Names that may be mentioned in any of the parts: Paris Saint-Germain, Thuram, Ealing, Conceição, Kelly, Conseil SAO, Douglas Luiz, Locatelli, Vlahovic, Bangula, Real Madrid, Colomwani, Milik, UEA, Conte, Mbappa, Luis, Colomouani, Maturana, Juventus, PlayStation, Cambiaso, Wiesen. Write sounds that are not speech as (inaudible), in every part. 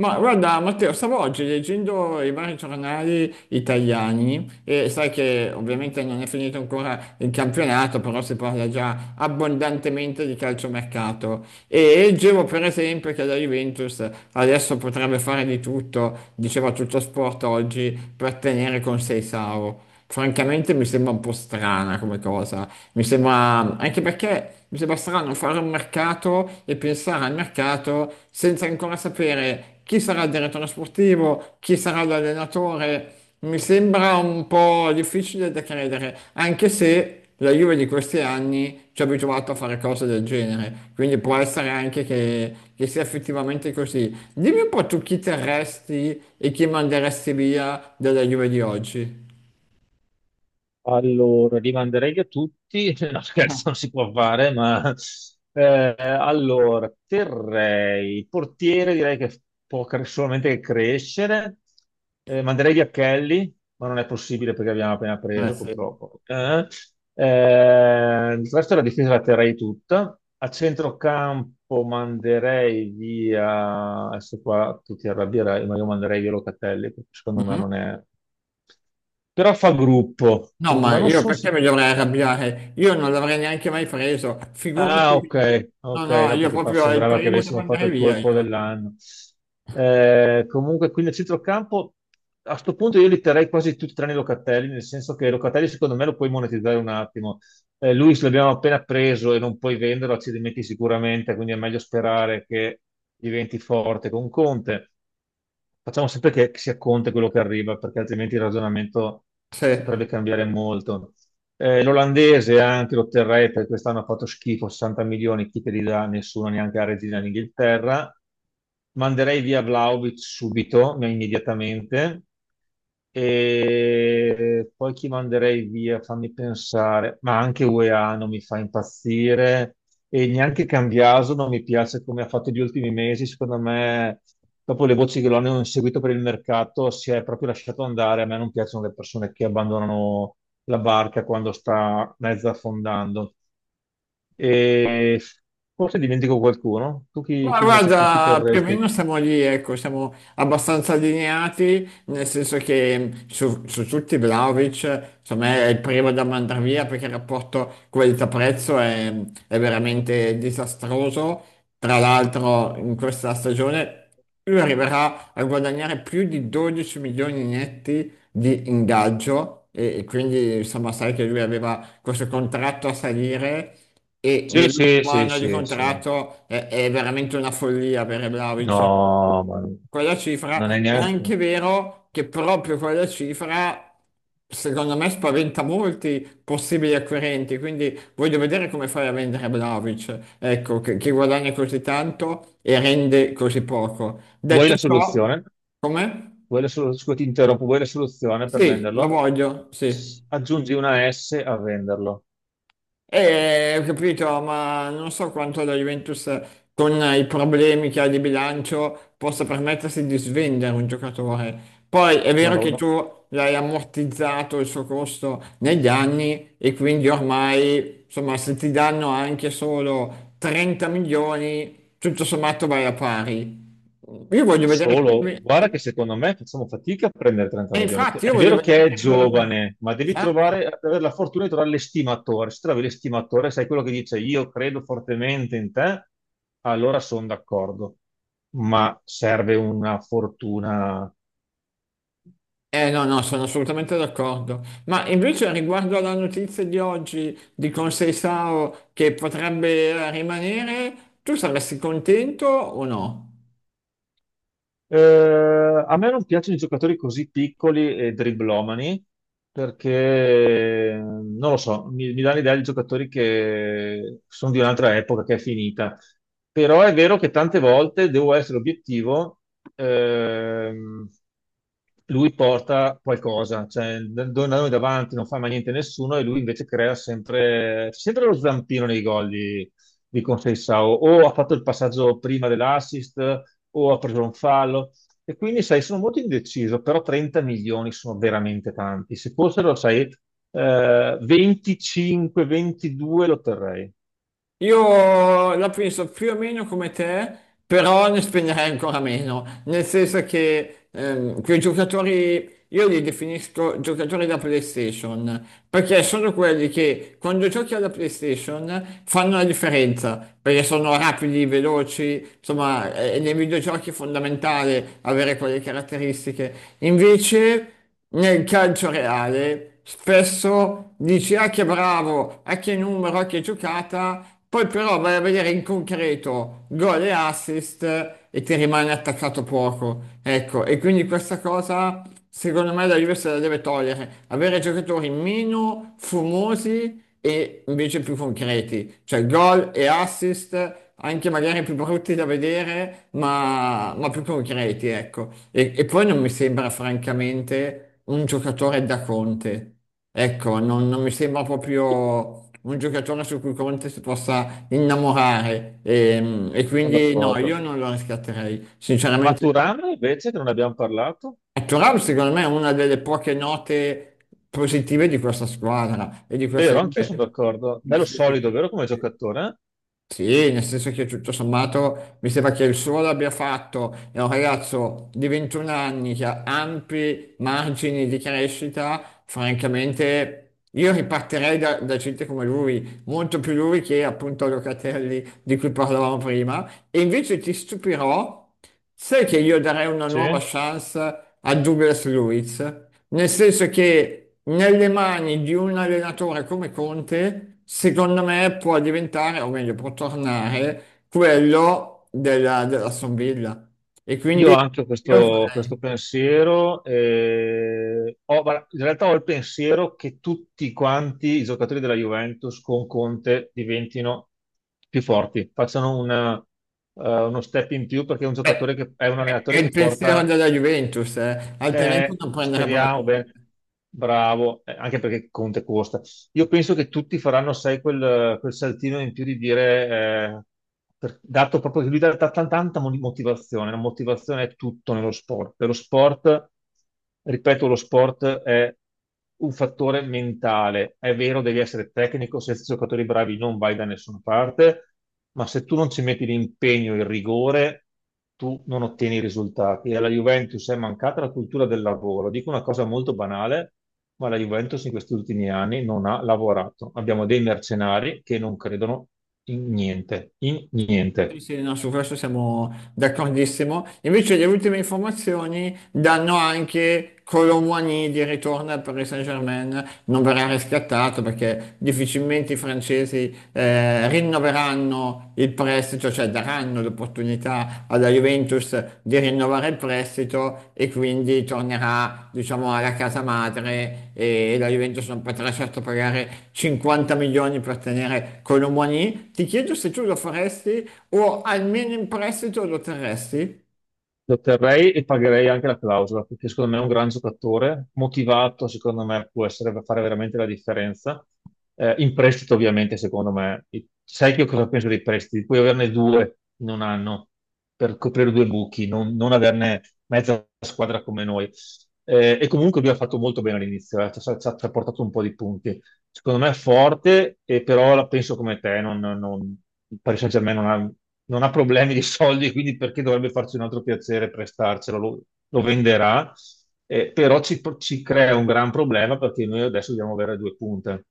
Ma guarda, Matteo, stavo oggi leggendo i vari giornali italiani e sai che ovviamente non è finito ancora il campionato, però si parla già abbondantemente di calciomercato. E leggevo per esempio che la Juventus adesso potrebbe fare di tutto, diceva tutto sport oggi, per tenere con Seisao francamente mi sembra un po' strana come cosa. Mi sembra, anche perché mi sembra strano fare un mercato e pensare al mercato senza ancora sapere chi sarà il direttore sportivo, chi sarà l'allenatore. Mi sembra un po' difficile da credere, anche se la Juve di questi anni ci ha abituato a fare cose del genere, quindi può essere anche che sia effettivamente così. Dimmi un po' tu chi terresti e chi manderesti via della Juve di oggi. Allora, li manderei a tutti, (laughs) no scherzo, non si può fare, ma terrei, portiere direi che può solamente crescere. Manderei via Kelly, ma non è possibile perché abbiamo appena Eh preso, sì. purtroppo. Il resto della difesa la terrei tutta. A centrocampo manderei via, adesso qua tu ti arrabbierai, ma io manderei via Locatelli, perché secondo me Mhm. non è... Però fa gruppo, No, quindi, ma ma non io sono perché sicuro. mi dovrei arrabbiare? Io non l'avrei neanche mai preso, Ah, ok, figurati. No, ok, no, no, io perché proprio è il sembrava che primo che avessimo fatto manderei il via colpo io. dell'anno. Comunque, qui nel centrocampo, a sto punto io li terrei quasi tutti tranne Locatelli, nel senso che Locatelli secondo me lo puoi monetizzare un attimo. Luis l'abbiamo appena preso e non puoi venderlo, accidenti sicuramente, quindi è meglio sperare che diventi forte con Conte. Facciamo sempre che sia Conte quello che arriva, perché altrimenti il ragionamento Sì. potrebbe cambiare molto. L'olandese anche lo terrei perché quest'anno ha fatto schifo, 60 milioni, chi te li dà? Nessuno, neanche la regina d'Inghilterra. Manderei via Vlahovic subito, ma immediatamente. E poi chi manderei via? Fammi pensare, ma anche UEA non mi fa impazzire e neanche Cambiaso non mi piace come ha fatto gli ultimi mesi. Secondo me, dopo le voci che lo hanno seguito per il mercato, si è proprio lasciato andare. A me non piacciono le persone che abbandonano la barca quando sta mezza affondando. E forse dimentico qualcuno. Tu Ma chi guarda, più o meno terresti? siamo lì, ecco, siamo abbastanza allineati, nel senso che su tutti Vlahovic, secondo me è il primo da mandare via perché il rapporto qualità-prezzo è veramente disastroso. Tra l'altro in questa stagione lui arriverà a guadagnare più di 12 milioni netti di ingaggio e quindi insomma sai che lui aveva questo contratto a salire e Sì, sì, nell'ultimo sì, anno di sì, sì. contratto è veramente una follia per Vlahovic. No, ma Quella cifra non è è neanche. anche vero che proprio quella cifra, secondo me, spaventa molti possibili acquirenti. Quindi voglio vedere come fai a vendere Vlahovic, ecco, che guadagna così tanto e rende così poco. Vuoi Detto la ciò, soluzione? come? Vuoi la scusa, ti interrompo, vuoi la soluzione per Sì, lo venderlo? voglio, sì. S- Aggiungi una S a venderlo. Ho capito, ma non so quanto la Juventus con i problemi che ha di bilancio possa permettersi di svendere un giocatore. Poi è No, vero no, che no. tu l'hai ammortizzato il suo costo negli anni e quindi ormai, insomma, se ti danno anche solo 30 milioni, tutto sommato vai a pari. Io voglio vedere, Solo, guarda e che secondo me facciamo fatica a prendere 30 milioni. infatti io È voglio vero vedere che è che arriva la... giovane, ma devi Esatto. trovare, avere la fortuna di trovare l'estimatore. Se trovi l'estimatore, sai quello che dice io credo fortemente in te, allora sono d'accordo. Ma serve una fortuna. Eh no, no, sono assolutamente d'accordo. Ma invece riguardo alla notizia di oggi di Conseil SAO che potrebbe rimanere, tu saresti contento o no? A me non piacciono i giocatori così piccoli e dribblomani perché, non lo so, mi dà l'idea di giocatori che sono di un'altra epoca che è finita. Però è vero che tante volte devo essere obiettivo, ehm, lui porta qualcosa, cioè noi davanti non fa mai niente nessuno e lui invece crea sempre, c'è sempre lo zampino nei gol di Conceição, o ha fatto il passaggio prima dell'assist, o ha preso un fallo. E quindi, sai, sono molto indeciso, però 30 milioni sono veramente tanti. Se fossero, sai, 25, 22 lo terrei. Io la penso più o meno come te, però ne spenderei ancora meno, nel senso che quei giocatori, io li definisco giocatori da PlayStation, perché sono quelli che quando giochi alla PlayStation fanno la differenza, perché sono rapidi, veloci, insomma, nei videogiochi è fondamentale avere quelle caratteristiche. Invece nel calcio reale spesso dici ah che bravo, ah che numero, ah che giocata, poi però vai a vedere in concreto gol e assist e ti rimane attaccato poco. Ecco, e quindi questa cosa secondo me la Juve se la deve togliere, avere giocatori meno fumosi e invece più concreti, cioè gol e assist anche magari più brutti da vedere, ma più concreti, ecco. E poi non mi sembra francamente un giocatore da Conte. Ecco, non mi sembra proprio un giocatore su cui Conte si possa innamorare. E Sono quindi no, d'accordo. io non lo riscatterei. Sinceramente, Maturana, invece, che non abbiamo parlato, Thuram secondo me è una delle poche note positive di questa squadra e di questa vero, anch'io Juve. sono d'accordo. Nel Bello senso solido, che- vero, come giocatore? Eh? sì, nel senso che tutto sommato mi sembra che il suo l'abbia fatto, è un ragazzo di 21 anni che ha ampi margini di crescita, francamente io ripartirei da gente come lui, molto più lui che appunto Locatelli di cui parlavamo prima, e invece ti stupirò, sai che io darei una nuova Sì. chance a Douglas Luiz? Nel senso che nelle mani di un allenatore come Conte, secondo me può diventare, o meglio, può tornare quello dell'Aston Villa. E Io quindi ho anche io questo farei. pensiero, guarda, in realtà ho il pensiero che tutti quanti i giocatori della Juventus con Conte diventino più forti, facciano uno step in più perché è un Beh, giocatore che è un è allenatore il che pensiero porta. della Juventus, altrimenti non prenderebbero. Speriamo, beh, bravo, anche perché Conte costa. Io penso che tutti faranno, sai, quel saltino in più di dire, eh, dato proprio che lui dà tanta motivazione, la motivazione è tutto nello sport. E lo sport, ripeto, lo sport è un fattore mentale. È vero, devi essere tecnico, senza giocatori bravi non vai da nessuna parte, ma se tu non ci metti l'impegno, il rigore tu non ottieni i risultati. E alla Juventus è mancata la cultura del lavoro. Dico una cosa molto banale, ma la Juventus in questi ultimi anni non ha lavorato. Abbiamo dei mercenari che non credono in niente, in Sì, niente. sì, no, su questo siamo d'accordissimo. Invece le ultime informazioni danno anche Colomwani di ritorno al Paris Saint-Germain, non verrà riscattato perché difficilmente i francesi rinnoveranno il prestito, cioè daranno l'opportunità possibilità alla Juventus di rinnovare il prestito e quindi tornerà, diciamo, alla casa madre e la Juventus non potrà certo pagare 50 milioni per tenere Colomoni. Ti chiedo se tu lo faresti o almeno in prestito lo terresti? Lo terrei e pagherei anche la clausola, perché secondo me è un gran giocatore, motivato, secondo me può essere, fare veramente la differenza. In prestito, ovviamente, secondo me. Sai che io cosa penso dei prestiti? Puoi averne due in un anno per coprire due buchi, non averne mezza squadra come noi. E comunque lui ha fatto molto bene all'inizio, ci ha portato un po' di punti. Secondo me è forte, e però la penso come te, non, non, il Paris Saint-Germain non ha problemi di soldi, quindi perché dovrebbe farci un altro piacere prestarcelo? Lo venderà, però ci crea un gran problema perché noi adesso dobbiamo avere due punte.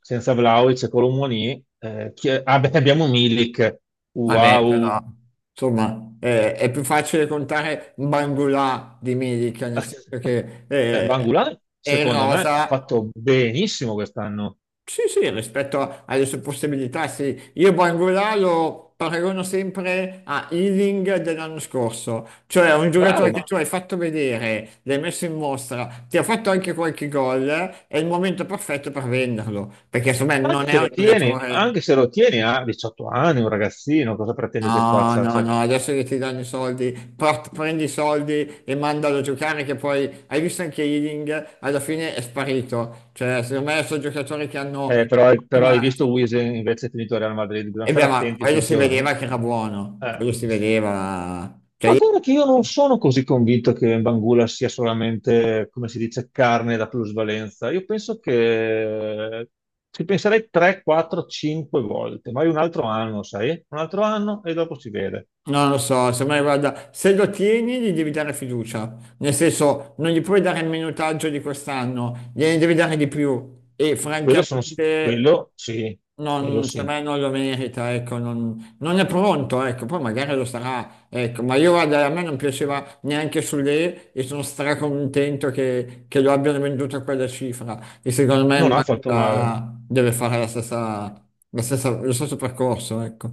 Senza Vlahovic e Colomouani, ah, beh, abbiamo Milik, Vabbè, wow! però, insomma, è più facile contare Bangula di Milik, nel senso (laughs) che Beh, Bangula, è in secondo me, ha rosa. fatto benissimo quest'anno. Sì, sì, rispetto alle sue possibilità, sì. Io Bangula lo paragono sempre a Ealing dell'anno scorso, cioè un Bravo, giocatore che ma tu hai fatto vedere, l'hai messo in mostra, ti ha fatto anche qualche gol, è il momento perfetto per venderlo, perché secondo me Ma anche non è se un lo tieni, giocatore... anche se lo tieni a 18 anni, un ragazzino, cosa pretendi che No, faccia? no, Cioè, no, adesso che ti danno i soldi, prendi i soldi e mandalo a giocare che poi hai visto anche Ealing, alla fine è sparito. Cioè, secondo me sono giocatori che hanno... però hai visto Wiesen invece è finito a Real Madrid, bisogna E beh, stare ma attenti quello sui si giovani. vedeva che era buono, Eh. quello si vedeva. Cioè, Ma io guarda che io non sono così convinto che Bangula sia solamente, come si dice, carne da plusvalenza. Io penso che ci penserei 3, 4, 5 volte, magari un altro anno, sai? Un altro anno e dopo si vede. non lo so, se me guarda, se lo tieni gli devi dare fiducia, nel senso non gli puoi dare il minutaggio di quest'anno, gliene devi dare di più e Quello sono francamente quello sì, quello non, per sì. me non lo merita, ecco, non è pronto, ecco, poi magari lo sarà, ecco, ma io guarda, a me non piaceva neanche sulle e sono stracontento che lo abbiano venduto a quella cifra e secondo me Non ha fatto male, Mbappa deve fare la stessa, lo stesso percorso, ecco.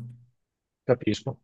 capisco.